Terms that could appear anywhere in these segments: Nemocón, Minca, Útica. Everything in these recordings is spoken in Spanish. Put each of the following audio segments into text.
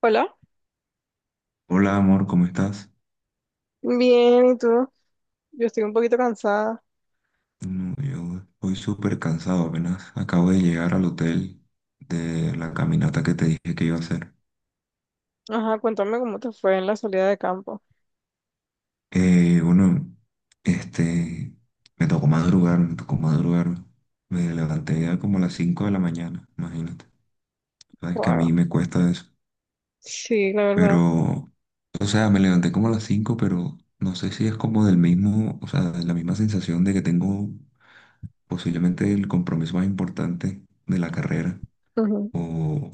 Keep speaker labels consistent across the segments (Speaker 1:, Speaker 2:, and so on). Speaker 1: Hola,
Speaker 2: Hola amor, ¿cómo estás?
Speaker 1: bien, ¿y tú? Yo estoy un poquito cansada.
Speaker 2: No, yo estoy súper cansado, apenas acabo de llegar al hotel de la caminata que te dije que iba a hacer.
Speaker 1: Ajá, cuéntame cómo te fue en la salida de campo.
Speaker 2: Bueno, este, me tocó madrugar, me tocó madrugar. Me levanté ya como a las 5 de la mañana, imagínate. Sabes que a mí
Speaker 1: Wow.
Speaker 2: me cuesta eso.
Speaker 1: Sí, la verdad.
Speaker 2: Pero, o sea, me levanté como a las 5, pero no sé si es como del mismo, o sea, de la misma sensación de que tengo posiblemente el compromiso más importante de la carrera.
Speaker 1: Ujú.
Speaker 2: O,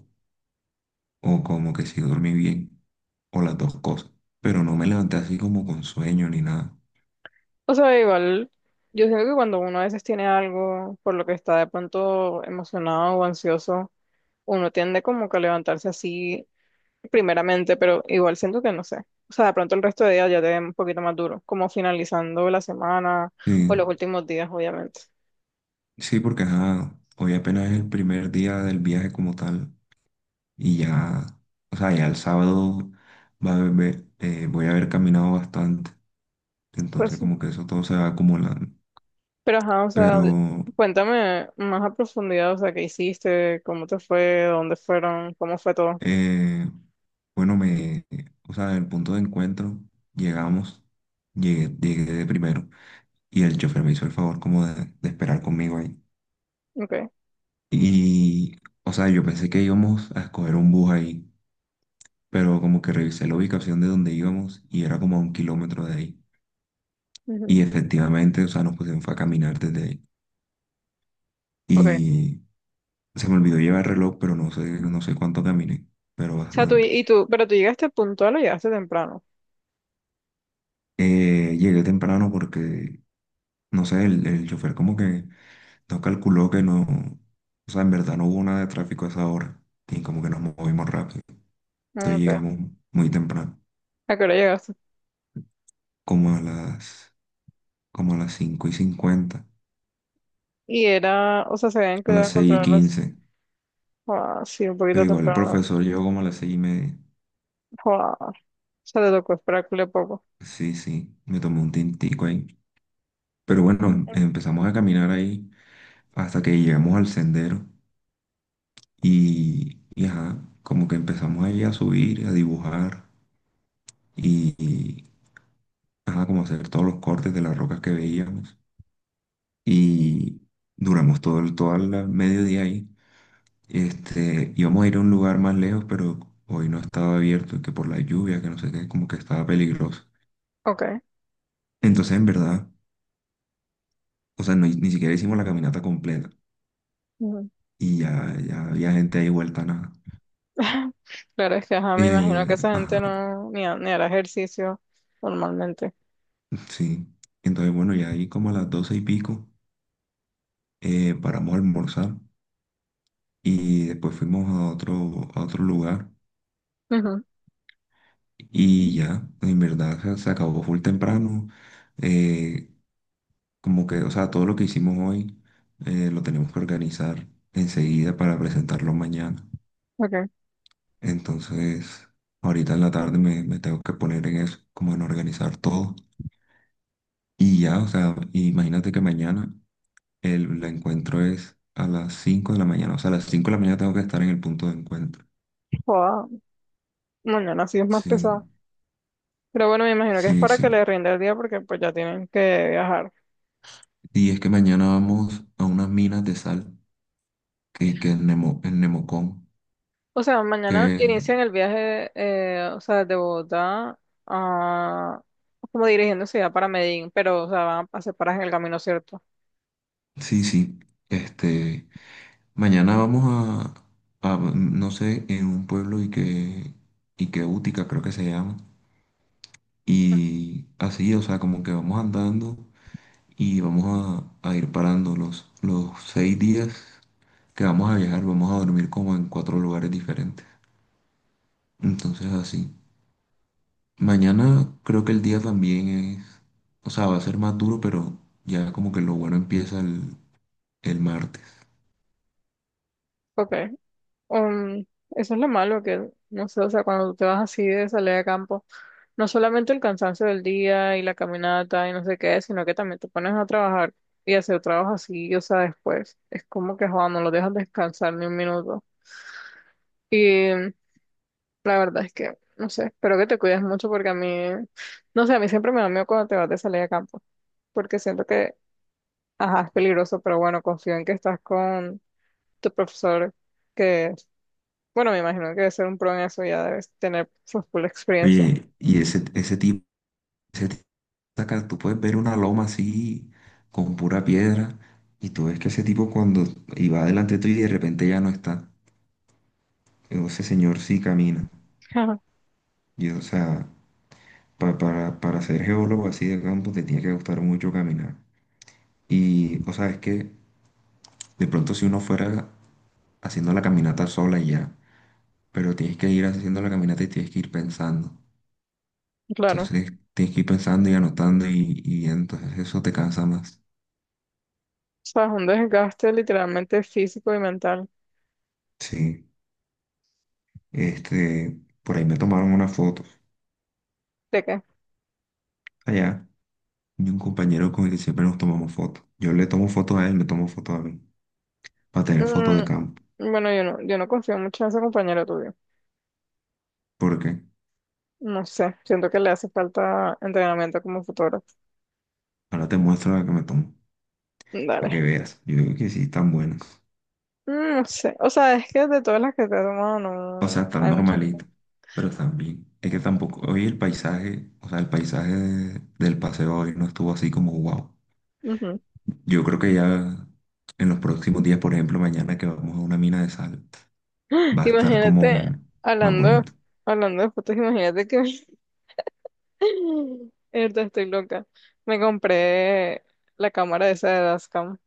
Speaker 2: o como que sí dormí bien, o las dos cosas. Pero no me levanté así como con sueño ni nada.
Speaker 1: O sea, igual, yo siento que cuando uno a veces tiene algo por lo que está de pronto emocionado o ansioso, uno tiende como que a levantarse así primeramente, pero igual siento que no sé. O sea, de pronto el resto de días ya te ven un poquito más duro, como finalizando la semana o
Speaker 2: Sí,
Speaker 1: los últimos días, obviamente.
Speaker 2: sí, porque ajá, hoy apenas es el primer día del viaje como tal, y ya, o sea, ya el sábado voy a haber caminado bastante,
Speaker 1: Pues
Speaker 2: entonces
Speaker 1: sí.
Speaker 2: como que eso todo se va acumulando.
Speaker 1: Pero ajá, o sea,
Speaker 2: Pero,
Speaker 1: cuéntame más a profundidad, o sea, qué hiciste, cómo te fue, dónde fueron, cómo fue todo.
Speaker 2: eh, bueno, o sea, en el punto de encuentro, llegamos, llegué de primero, y el chofer me hizo el favor como de esperar conmigo ahí.
Speaker 1: Ok,
Speaker 2: Y, o sea, yo pensé que íbamos a escoger un bus ahí, pero como que revisé la ubicación de donde íbamos y era como a 1 kilómetro de ahí.
Speaker 1: ujú,
Speaker 2: Y efectivamente, o sea, nos pusimos fue a caminar desde ahí.
Speaker 1: ok. O
Speaker 2: Y se me olvidó llevar reloj, pero no sé, no sé cuánto caminé, pero
Speaker 1: sea, tú,
Speaker 2: bastante.
Speaker 1: y tú, pero tú llegaste puntual o llegaste temprano.
Speaker 2: Llegué temprano porque, no sé, el chofer como que no calculó que no, o sea, en verdad no hubo nada de tráfico a esa hora. Y como que nos movimos rápido. Entonces
Speaker 1: Ok.
Speaker 2: llegamos muy temprano,
Speaker 1: ¿A qué hora llegaste?
Speaker 2: como a las como a las 5:50,
Speaker 1: Y era, o sea, se habían
Speaker 2: a
Speaker 1: quedado a
Speaker 2: las seis y
Speaker 1: encontrarlas.
Speaker 2: quince,
Speaker 1: Ah, sí, un
Speaker 2: Pero
Speaker 1: poquito
Speaker 2: igual el
Speaker 1: temprano.
Speaker 2: profesor llegó como a las 6:30.
Speaker 1: Ah, o sea, te tocó esperarle poco.
Speaker 2: Sí, sí, me tomé un tintico ahí. Pero bueno, empezamos a caminar ahí hasta que llegamos al sendero y ajá, como que empezamos ahí a subir, a dibujar y, y, ajá, como hacer todos los cortes de las rocas que veíamos. Y duramos todo el mediodía ahí. Este, íbamos a ir a un lugar más lejos, pero hoy no estaba abierto, que por la lluvia, que no sé qué, como que estaba peligroso.
Speaker 1: Ok.
Speaker 2: Entonces, en verdad, o sea, ni siquiera hicimos la caminata completa
Speaker 1: Ujú.
Speaker 2: y ya, ya había gente ahí vuelta a nada.
Speaker 1: Claro, es que ajá, me imagino que esa
Speaker 2: Ajá,
Speaker 1: gente no, ni, ni hará ejercicio normalmente.
Speaker 2: sí. Entonces, bueno, ya ahí como a las 12 y pico paramos a almorzar y después fuimos a otro lugar
Speaker 1: Ujú,
Speaker 2: y ya, en verdad se acabó full temprano. Eh, Como que, o sea, todo lo que hicimos hoy lo tenemos que organizar enseguida para presentarlo mañana.
Speaker 1: ok.
Speaker 2: Entonces, ahorita en la tarde me tengo que poner en eso, como en organizar todo. Y ya, o sea, imagínate que mañana el encuentro es a las 5 de la mañana. O sea, a las 5 de la mañana tengo que estar en el punto de encuentro.
Speaker 1: Joda, mañana sí es más pesado.
Speaker 2: Sí,
Speaker 1: Pero bueno, me imagino que es
Speaker 2: sí,
Speaker 1: para que
Speaker 2: sí.
Speaker 1: le rinda el día porque pues ya tienen que viajar.
Speaker 2: Y es que mañana vamos a unas minas de sal que en Nemocón,
Speaker 1: O sea,
Speaker 2: que
Speaker 1: mañana inician el viaje, o sea, de Bogotá a, como dirigiéndose ya para Medellín, pero o sea, van a hacer paradas en el camino, ¿cierto?
Speaker 2: sí, sí. Este, mañana vamos no sé, en un pueblo y que Útica creo que se llama. Y así, o sea, como que vamos andando y vamos a ir parando los 6 días que vamos a viajar, vamos a dormir como en cuatro lugares diferentes. Entonces así. Mañana creo que el día también es, o sea, va a ser más duro, pero ya como que lo bueno empieza el martes.
Speaker 1: Ok. Um, Eso es lo malo que, no sé, o sea, cuando tú te vas así de salir de campo, no solamente el cansancio del día y la caminata y no sé qué, sino que también te pones a trabajar y hacer trabajo así, o sea, después. Es como que, joder, no lo dejas descansar ni un minuto. La verdad es que, no sé, espero que te cuides mucho porque a mí, no sé, a mí siempre me da miedo cuando te vas de salir a campo, porque siento que, ajá, es peligroso, pero bueno, confío en que estás con tu profesor, que, bueno, me imagino que debe ser un pro en eso, ya debes tener su full experiencia.
Speaker 2: Oye, y ese tipo, acá tú puedes ver una loma así con pura piedra y tú ves que ese tipo cuando iba delante tuyo y de repente ya no está. Ese señor sí camina.
Speaker 1: Ajá,
Speaker 2: Y, o sea, para ser geólogo así de campo te tiene que gustar mucho caminar. Y, o sea, es que de pronto si uno fuera haciendo la caminata sola y ya, pero tienes que ir haciendo la caminata y tienes que ir pensando.
Speaker 1: claro, o
Speaker 2: Entonces tienes que ir pensando y anotando y entonces eso te cansa más.
Speaker 1: sea, es un desgaste literalmente físico y mental.
Speaker 2: Sí, este, por ahí me tomaron una foto
Speaker 1: ¿De qué?
Speaker 2: allá y un compañero con el que siempre nos tomamos fotos. Yo le tomo fotos a él, me tomo fotos a mí, para tener fotos de
Speaker 1: Mm,
Speaker 2: campo.
Speaker 1: bueno, yo no, yo no confío mucho en ese compañero tuyo.
Speaker 2: ¿Por qué?
Speaker 1: No sé, siento que le hace falta entrenamiento como fotógrafo.
Speaker 2: Ahora te muestro la que me tomo, para
Speaker 1: Dale.
Speaker 2: que veas. Yo digo que sí, están buenas.
Speaker 1: Mm, no sé, o sea, es que de todas las que te he tomado,
Speaker 2: O
Speaker 1: no
Speaker 2: sea, están
Speaker 1: hay muchas fotos.
Speaker 2: normalitas, pero están bien. Es que tampoco, hoy el paisaje, o sea, el paisaje del paseo hoy no estuvo así como wow.
Speaker 1: Ujú.
Speaker 2: Yo creo que ya en los próximos días, por ejemplo, mañana que vamos a una mina de sal, va a estar
Speaker 1: Imagínate,
Speaker 2: como más
Speaker 1: hablando,
Speaker 2: bonito.
Speaker 1: hablando de fotos, imagínate que ahorita estoy loca. Me compré la cámara esa de Dascam.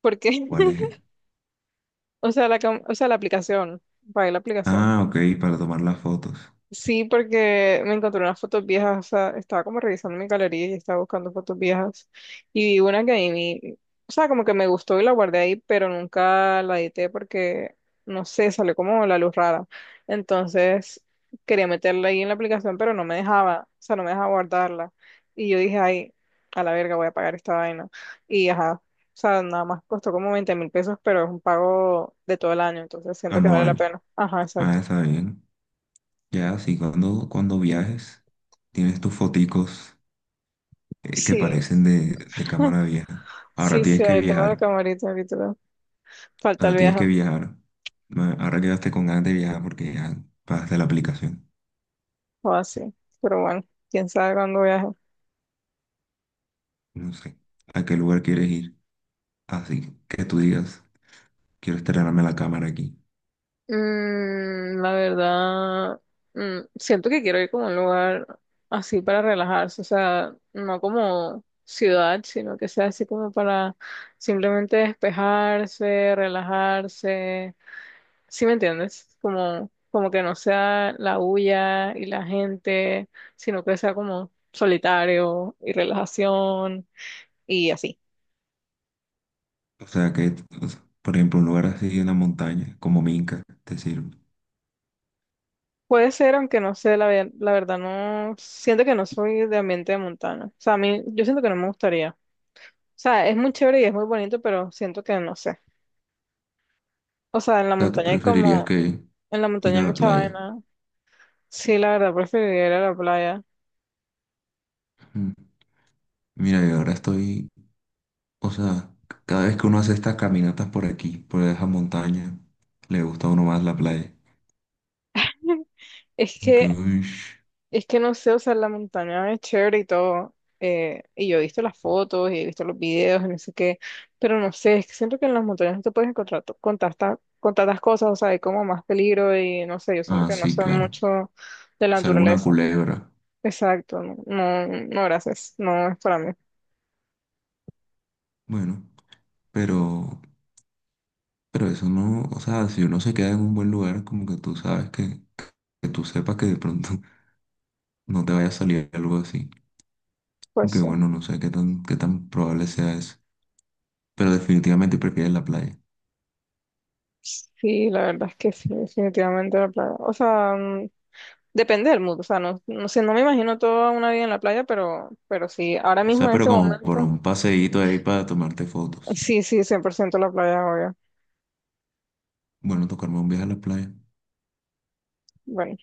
Speaker 1: Porque,
Speaker 2: ¿Cuál es?
Speaker 1: o sea, la o sea, la aplicación. Pagué la aplicación.
Speaker 2: Ah, ok, para tomar las fotos.
Speaker 1: Sí, porque me encontré unas fotos viejas, o sea, estaba como revisando mi galería y estaba buscando fotos viejas y vi una que ahí, o sea, como que me gustó y la guardé ahí, pero nunca la edité porque, no sé, salió como la luz rara. Entonces, quería meterla ahí en la aplicación, pero no me dejaba, o sea, no me dejaba guardarla. Y yo dije, ay, a la verga, voy a pagar esta vaina. Y ajá, o sea, nada más costó como 20.000 pesos, pero es un pago de todo el año, entonces siento que vale la
Speaker 2: Anual.
Speaker 1: pena. Ajá,
Speaker 2: Ah,
Speaker 1: exacto.
Speaker 2: está bien. Ya, sí, cuando viajes, tienes tus foticos que
Speaker 1: Sí,
Speaker 2: parecen de, cámara vieja. Ahora
Speaker 1: sí,
Speaker 2: tienes
Speaker 1: sí,
Speaker 2: que
Speaker 1: ahí tengo la
Speaker 2: viajar,
Speaker 1: camarita ahorita. Falta
Speaker 2: ahora
Speaker 1: el
Speaker 2: tienes
Speaker 1: viaje
Speaker 2: que viajar. Ahora quedaste con ganas de viajar porque ya pagaste la aplicación.
Speaker 1: o así. Pero bueno, quién sabe cuándo viaje.
Speaker 2: No sé, ¿a qué lugar quieres ir? Así que tú digas, quiero estrenarme la cámara aquí.
Speaker 1: Mm, la verdad, mm, siento que quiero ir como a un lugar así para relajarse, o sea, no como ciudad, sino que sea así como para simplemente despejarse, relajarse. ¿Sí me entiendes? Como, como que no sea la bulla y la gente, sino que sea como solitario y relajación y así.
Speaker 2: O sea, o sea, por ejemplo, un lugar así en la montaña, como Minca, te sirve. O
Speaker 1: Puede ser, aunque no sé, la, la verdad no, siento que no soy de ambiente de montaña. O sea, a mí, yo siento que no me gustaría. O sea, es muy chévere y es muy bonito, pero siento que no sé. O sea, en la
Speaker 2: sea, tú
Speaker 1: montaña hay
Speaker 2: preferirías
Speaker 1: como,
Speaker 2: que
Speaker 1: en la
Speaker 2: ir
Speaker 1: montaña
Speaker 2: a
Speaker 1: hay
Speaker 2: la
Speaker 1: mucha
Speaker 2: playa.
Speaker 1: vaina. Sí, la verdad, preferiría ir a la playa.
Speaker 2: Mm. Mira, yo ahora estoy o sea, cada vez que uno hace estas caminatas por aquí, por esa montaña, le gusta a uno más la playa.
Speaker 1: Es
Speaker 2: Que,
Speaker 1: que,
Speaker 2: uish.
Speaker 1: es que no sé, o sea, la montaña es chévere y todo. Y yo he visto las fotos y he visto los videos y no sé qué, pero no sé, es que siento que en las montañas no te puedes encontrar con tantas cosas, o sea, hay como más peligro y no sé, yo siento
Speaker 2: Ah,
Speaker 1: que no
Speaker 2: sí,
Speaker 1: sé
Speaker 2: claro.
Speaker 1: mucho de la
Speaker 2: Es alguna
Speaker 1: naturaleza.
Speaker 2: culebra.
Speaker 1: Exacto, no, no, no, gracias, no es para mí.
Speaker 2: Bueno, pero, pero eso no, o sea, si uno se queda en un buen lugar, como que tú sabes que tú sepas que de pronto no te vaya a salir algo así.
Speaker 1: Pues
Speaker 2: Aunque
Speaker 1: sí,
Speaker 2: bueno, no sé qué tan probable sea eso. Pero definitivamente prefieres la playa.
Speaker 1: sí, la verdad es que sí, definitivamente la playa. O sea, mm, depende del mood, o sea, no, no sé, no me imagino toda una vida en la playa, pero sí, ahora
Speaker 2: O
Speaker 1: mismo
Speaker 2: sea,
Speaker 1: en
Speaker 2: pero
Speaker 1: este
Speaker 2: como por
Speaker 1: momento.
Speaker 2: un paseíto ahí para tomarte fotos.
Speaker 1: Sí, sí, 100% la playa, obvio.
Speaker 2: Bueno, tocarme un viaje a la playa.
Speaker 1: Bueno,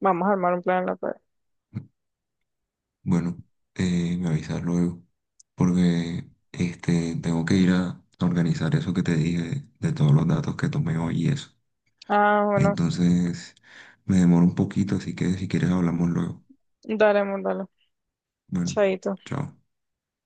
Speaker 1: vamos a armar un plan en la playa.
Speaker 2: Bueno, me avisas luego, porque este, tengo que ir a organizar eso que te dije, de todos los datos que tomé hoy y eso.
Speaker 1: Ah, bueno,
Speaker 2: Entonces, me demoro un poquito, así que si quieres hablamos luego.
Speaker 1: dale, amor, dale.
Speaker 2: Bueno,
Speaker 1: Chaito.
Speaker 2: chao.